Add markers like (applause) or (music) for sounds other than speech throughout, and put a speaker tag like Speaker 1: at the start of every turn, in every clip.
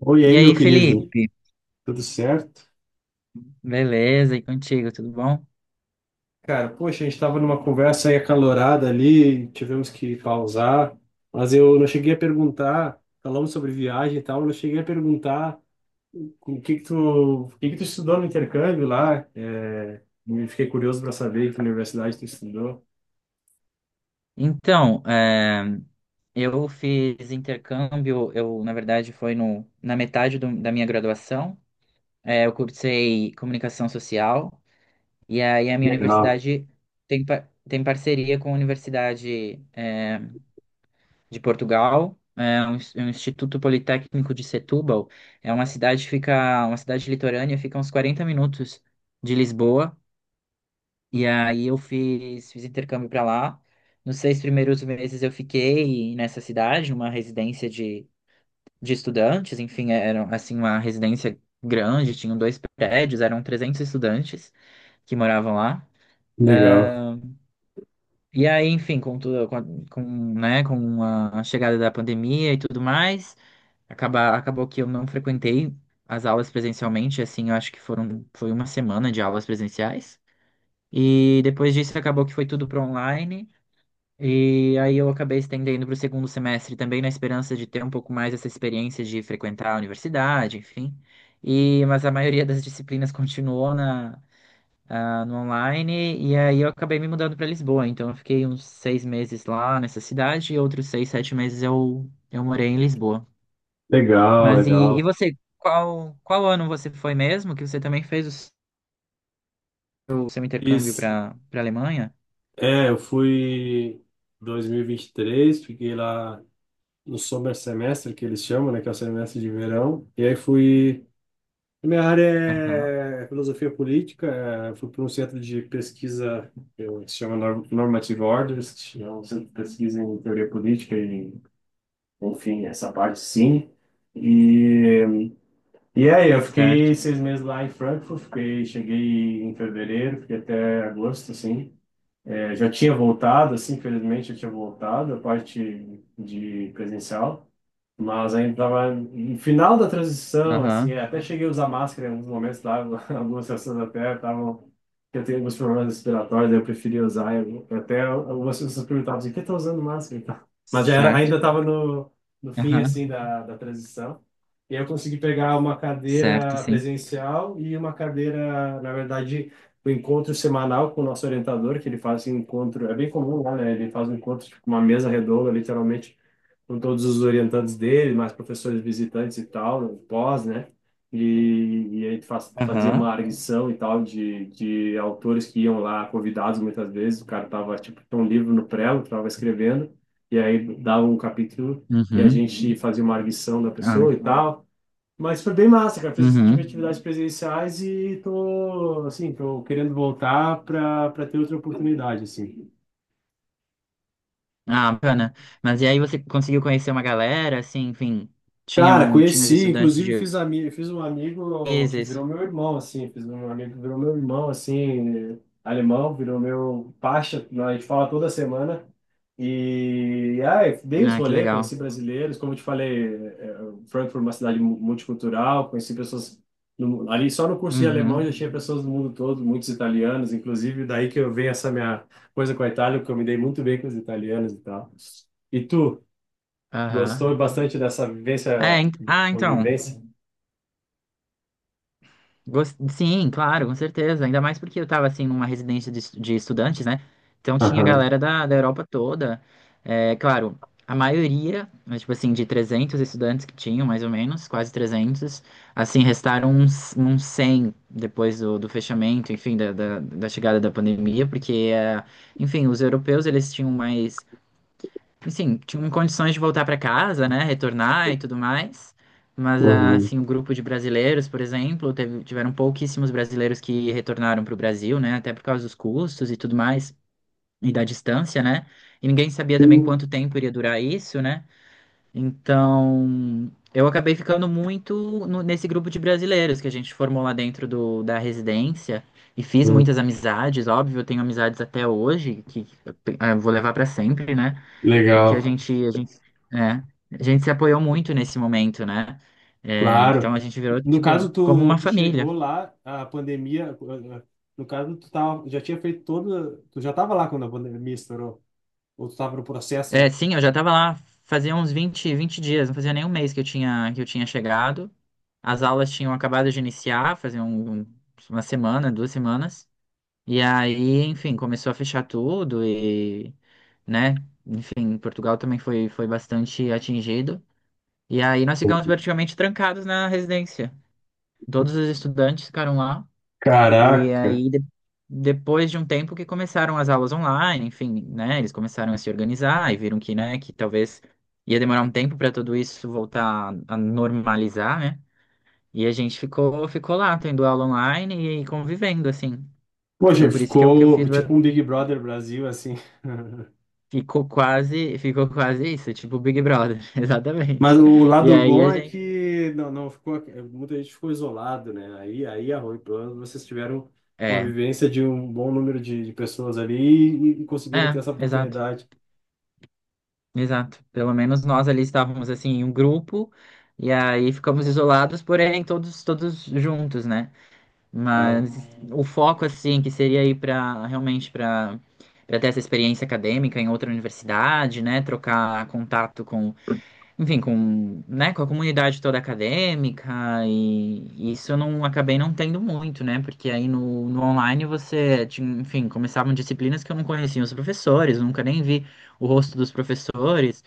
Speaker 1: Oi,
Speaker 2: E
Speaker 1: aí,
Speaker 2: aí,
Speaker 1: meu querido.
Speaker 2: Felipe?
Speaker 1: Tudo certo?
Speaker 2: Beleza, e contigo, tudo bom?
Speaker 1: Cara, poxa, a gente estava numa conversa aí acalorada ali, tivemos que pausar, mas eu não cheguei a perguntar, falamos sobre viagem e tal, eu não cheguei a perguntar o que que tu, o que que tu estudou no intercâmbio lá, me fiquei curioso para saber que universidade tu estudou.
Speaker 2: Então, eu fiz intercâmbio, eu, na verdade, foi no, na metade da minha graduação. Eu cursei comunicação social, e aí a minha
Speaker 1: Legal.
Speaker 2: universidade tem parceria com a Universidade, de Portugal, é um Instituto Politécnico de Setúbal. É uma cidade que fica, uma cidade litorânea, fica a uns 40 minutos de Lisboa. E aí eu fiz, fiz intercâmbio para lá. Nos 6 primeiros meses eu fiquei nessa cidade, numa residência de estudantes. Enfim, era assim uma residência grande, tinham 2 prédios, eram 300 estudantes que moravam lá.
Speaker 1: Legal.
Speaker 2: Ah, e aí, enfim, com tudo, com a chegada da pandemia e tudo mais, acabou que eu não frequentei as aulas presencialmente, assim, eu acho que foi uma semana de aulas presenciais. E depois disso acabou que foi tudo para online. E aí eu acabei estendendo para o segundo semestre também na esperança de ter um pouco mais essa experiência de frequentar a universidade, enfim. Mas a maioria das disciplinas continuou no online, e aí eu acabei me mudando para Lisboa. Então eu fiquei uns 6 meses lá nessa cidade e outros seis, sete meses eu morei em Lisboa.
Speaker 1: Legal,
Speaker 2: Mas e
Speaker 1: legal.
Speaker 2: você? Qual ano você foi mesmo? Que você também fez o seu intercâmbio
Speaker 1: Fiz,
Speaker 2: para Alemanha?
Speaker 1: eu fui em 2023, fiquei lá no summer semestre, que eles chamam, né, que é o semestre de verão. E aí fui. A minha área
Speaker 2: Aham,
Speaker 1: é filosofia política. Fui para um centro de pesquisa que se chama Normative Orders, que é um centro de pesquisa em teoria política e, enfim, essa parte sim. E, e aí, eu fiquei
Speaker 2: certo.
Speaker 1: 6 meses lá em Frankfurt, fiquei, cheguei em fevereiro, fiquei até agosto, assim. Já tinha voltado, assim, infelizmente, eu tinha voltado a parte de presencial. Mas ainda tava no final da transição, assim,
Speaker 2: Aham,
Speaker 1: até cheguei a usar máscara em alguns momentos lá, (laughs) algumas pessoas até estavam, que eu tenho alguns problemas respiratórios, eu preferia usar, eu, até algumas pessoas perguntavam assim, por que tá usando máscara e tal? Mas já era,
Speaker 2: certo.
Speaker 1: ainda estava no fim,
Speaker 2: Aham,
Speaker 1: assim, da transição, e aí eu consegui pegar uma
Speaker 2: certo,
Speaker 1: cadeira
Speaker 2: sim.
Speaker 1: presencial e uma cadeira, na verdade, o encontro semanal com o nosso orientador, que ele faz um encontro, é bem comum lá, né? Ele faz um encontro, tipo, uma mesa redonda, literalmente, com todos os orientantes dele, mais professores visitantes e tal, né, pós, né? E aí tu faz, fazia uma
Speaker 2: Aham.
Speaker 1: arguição e tal de autores que iam lá convidados muitas vezes, o cara tava, tipo, tinha um livro no prelo, tava escrevendo, e aí dava um capítulo e a
Speaker 2: Uhum.
Speaker 1: gente fazia uma arguição da
Speaker 2: Ah, né?
Speaker 1: pessoa e tal. Mas foi bem massa, cara. Fiz, tive
Speaker 2: Uhum.
Speaker 1: atividades presenciais e tô, assim, tô querendo voltar para ter outra oportunidade, assim.
Speaker 2: Ah, bacana. Mas e aí você conseguiu conhecer uma galera, assim, enfim,
Speaker 1: Cara,
Speaker 2: tinha os
Speaker 1: conheci,
Speaker 2: estudantes
Speaker 1: inclusive
Speaker 2: de
Speaker 1: fiz um amigo que
Speaker 2: ISIS.
Speaker 1: virou meu irmão, assim, fiz um amigo que virou meu irmão, assim, alemão, virou meu pacha, né, a gente fala toda semana, e, ai, dei uns
Speaker 2: Ah, que
Speaker 1: rolê,
Speaker 2: legal.
Speaker 1: conheci brasileiros, como eu te falei, Frankfurt é uma cidade multicultural, conheci pessoas, ali só no curso de alemão já
Speaker 2: Uhum.
Speaker 1: tinha pessoas do mundo todo, muitos italianos, inclusive daí que eu venho essa minha coisa com a Itália, porque eu me dei muito bem com os italianos e tal. E tu? Gostou
Speaker 2: Aham.
Speaker 1: bastante dessa vivência de
Speaker 2: Então.
Speaker 1: convivência?
Speaker 2: Sim, claro, com certeza. Ainda mais porque eu estava assim numa residência de estudantes, né? Então tinha
Speaker 1: Aham,
Speaker 2: galera da Europa toda. É, claro, a maioria, mas, tipo assim, de 300 estudantes que tinham, mais ou menos, quase 300 assim, restaram uns, uns 100 depois do fechamento, enfim, da chegada da pandemia, porque, é, enfim, os europeus, eles tinham mais assim, tinham condições de voltar para casa, né, retornar e tudo mais. Mas, ah,
Speaker 1: uhum.
Speaker 2: assim, o grupo de brasileiros, por exemplo, tiveram pouquíssimos brasileiros que retornaram para o Brasil, né, até por causa dos custos e tudo mais, e da distância, né. E ninguém sabia também
Speaker 1: Uhum.
Speaker 2: quanto tempo iria durar isso, né. Então, eu acabei ficando muito nesse grupo de brasileiros que a gente formou lá dentro da residência e fiz muitas amizades, óbvio, eu tenho amizades até hoje que eu vou levar para sempre, né? Porque
Speaker 1: Legal,
Speaker 2: é, a gente se apoiou muito nesse momento, né? É, então a
Speaker 1: claro.
Speaker 2: gente virou
Speaker 1: No
Speaker 2: tipo
Speaker 1: caso,
Speaker 2: como
Speaker 1: tu,
Speaker 2: uma
Speaker 1: tu
Speaker 2: família.
Speaker 1: chegou lá, a pandemia, no caso, tu tava, já tinha feito toda, tu já estava lá quando a pandemia estourou, ou tu estava no
Speaker 2: É,
Speaker 1: processo?
Speaker 2: sim, eu já tava lá fazia uns vinte dias, não fazia nem 1 mês que eu tinha chegado. As aulas tinham acabado de iniciar, fazia 1 semana, 2 semanas. E aí, enfim, começou a fechar tudo né, enfim, Portugal também foi, foi bastante atingido. E aí nós ficamos praticamente trancados na residência. Todos os estudantes ficaram lá. E
Speaker 1: Caraca.
Speaker 2: aí, depois de um tempo que começaram as aulas online, enfim, né? Eles começaram a se organizar e viram que, né, que talvez ia demorar um tempo para tudo isso voltar a normalizar, né? E a gente ficou, ficou lá, tendo aula online e convivendo, assim.
Speaker 1: Poxa,
Speaker 2: Então, por isso que o que eu
Speaker 1: ficou
Speaker 2: fiz
Speaker 1: tipo um Big Brother Brasil, assim. (laughs)
Speaker 2: ficou quase isso, tipo Big Brother, (laughs) exatamente.
Speaker 1: Mas o
Speaker 2: E
Speaker 1: lado
Speaker 2: aí a
Speaker 1: bom é
Speaker 2: gente.
Speaker 1: que não, não ficou, muita gente ficou isolado, né? Aí é ruim, pelo menos vocês tiveram
Speaker 2: É,
Speaker 1: convivência de um bom número de pessoas ali e conseguiram ter
Speaker 2: é,
Speaker 1: essa
Speaker 2: exato.
Speaker 1: oportunidade.
Speaker 2: Exato. Pelo menos nós ali estávamos assim em um grupo e aí ficamos isolados, porém todos todos juntos, né?
Speaker 1: Ah,
Speaker 2: Mas o foco assim que seria ir para realmente para ter essa experiência acadêmica em outra universidade, né? Trocar contato com enfim, com, né, com a comunidade toda acadêmica e isso eu não acabei não tendo muito, né? Porque aí no online você, tinha, enfim, começavam disciplinas que eu não conhecia os professores, nunca nem vi o rosto dos professores,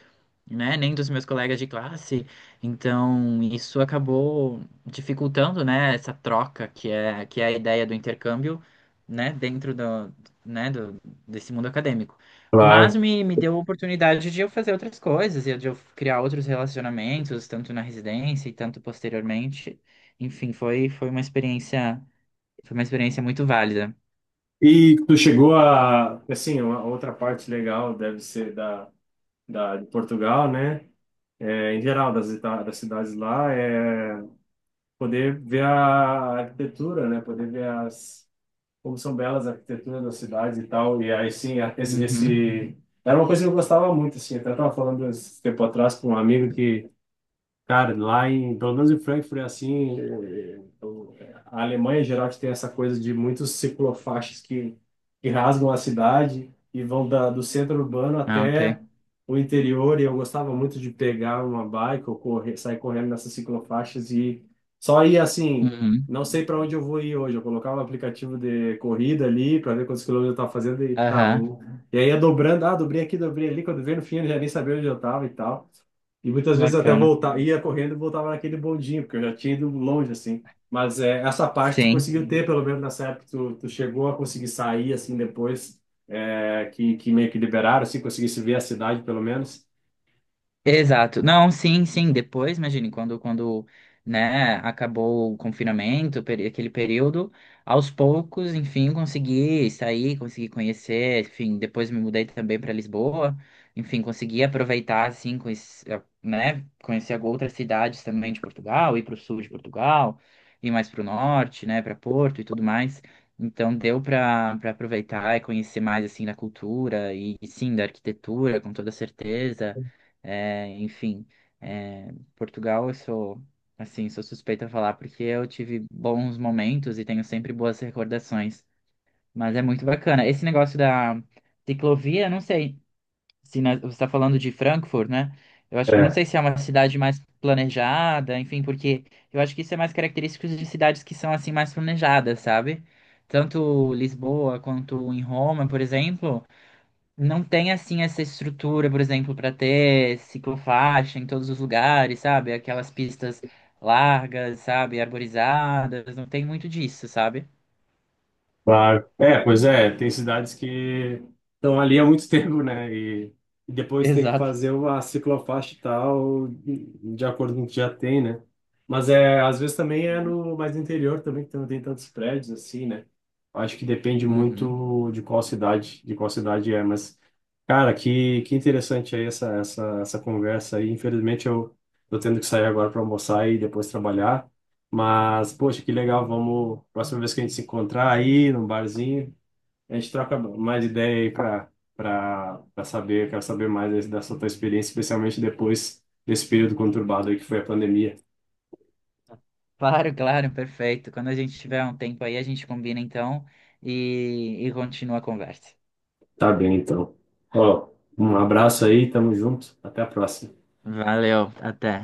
Speaker 2: né, nem dos meus colegas de classe. Então, isso acabou dificultando, né, essa troca que é a ideia do intercâmbio, né, dentro do desse mundo acadêmico. Mas
Speaker 1: claro.
Speaker 2: me deu a oportunidade de eu fazer outras coisas, e de eu criar outros relacionamentos, tanto na residência e tanto posteriormente. Enfim, foi uma experiência muito válida.
Speaker 1: E tu chegou a, assim, uma outra parte legal deve ser da, de Portugal, né? É, em geral das cidades lá é poder ver a arquitetura, né? Poder ver as como são belas a arquitetura das cidades e tal. E aí, sim,
Speaker 2: Uhum.
Speaker 1: era uma coisa que eu gostava muito, assim. Até estava falando esse tempo atrás com um amigo que. Cara, pelo menos em Frankfurt, é assim, a Alemanha, em geral, que tem essa coisa de muitos ciclofaixas que rasgam a cidade e vão da, do centro urbano
Speaker 2: Ah, ok.
Speaker 1: até o interior. E eu gostava muito de pegar uma bike ou correr, sair correndo nessas ciclofaixas e só ir assim,
Speaker 2: Uhum.
Speaker 1: não sei para onde eu vou ir hoje. Eu colocava o aplicativo de corrida ali para ver quantos quilômetros eu estava fazendo e tá,
Speaker 2: Aham.
Speaker 1: vou. E aí ia dobrando, ah, dobrei aqui, dobrei ali. Quando veio no fim, eu já nem sabia onde eu estava e tal. E muitas vezes até
Speaker 2: Bacana.
Speaker 1: voltar, ia correndo e voltava naquele bondinho, porque eu já tinha ido longe, assim. Mas é, essa parte tu
Speaker 2: Sim.
Speaker 1: conseguiu ter, pelo menos nessa época, tu chegou a conseguir sair, assim, depois, é, que meio que liberaram, assim, conseguisse ver a cidade, pelo menos.
Speaker 2: Exato. Não, sim, sim. Depois, imagine, quando né, acabou o confinamento, aquele período, aos poucos, enfim, consegui sair, consegui conhecer, enfim, depois me mudei também para Lisboa, enfim, consegui aproveitar, assim, né, conhecer outras cidades também de Portugal, ir para o sul de Portugal, ir mais para o norte, né, para Porto e tudo mais. Então deu para aproveitar e conhecer mais assim da cultura e sim da arquitetura, com toda certeza. Enfim, Portugal, eu sou, assim, sou suspeita a falar porque eu tive bons momentos e tenho sempre boas recordações. Mas é muito bacana. Esse negócio da ciclovia, eu não sei se você está falando de Frankfurt, né? Eu acho, eu não sei se é uma cidade mais planejada, enfim, porque eu acho que isso é mais característico de cidades que são assim mais planejadas, sabe? Tanto Lisboa quanto em Roma, por exemplo não tem assim essa estrutura, por exemplo, para ter ciclofaixa em todos os lugares, sabe? Aquelas pistas largas, sabe? Arborizadas, não tem muito disso, sabe?
Speaker 1: Claro. É, pois é, tem cidades que estão ali há muito (laughs) tempo, né? E depois tem que
Speaker 2: Exato.
Speaker 1: fazer uma ciclofaixa e tal, de acordo com o que já tem, né? Mas é, às vezes também é
Speaker 2: Exato.
Speaker 1: no mais interior também, que não tem tantos prédios assim, né? Acho que depende
Speaker 2: Uhum.
Speaker 1: muito de qual cidade é, mas cara, que interessante aí essa conversa aí. Infelizmente eu tô tendo que sair agora para almoçar e depois trabalhar. Mas, poxa, que legal. Vamos, próxima vez que a gente se encontrar aí num barzinho, a gente troca mais ideia aí para saber, quero saber mais aí dessa tua experiência, especialmente depois desse período conturbado aí que foi a pandemia.
Speaker 2: Claro, claro, perfeito. Quando a gente tiver um tempo aí, a gente combina então e continua a conversa.
Speaker 1: Tá bem, então. Ó, um abraço aí, tamo junto. Até a próxima.
Speaker 2: Valeu, até.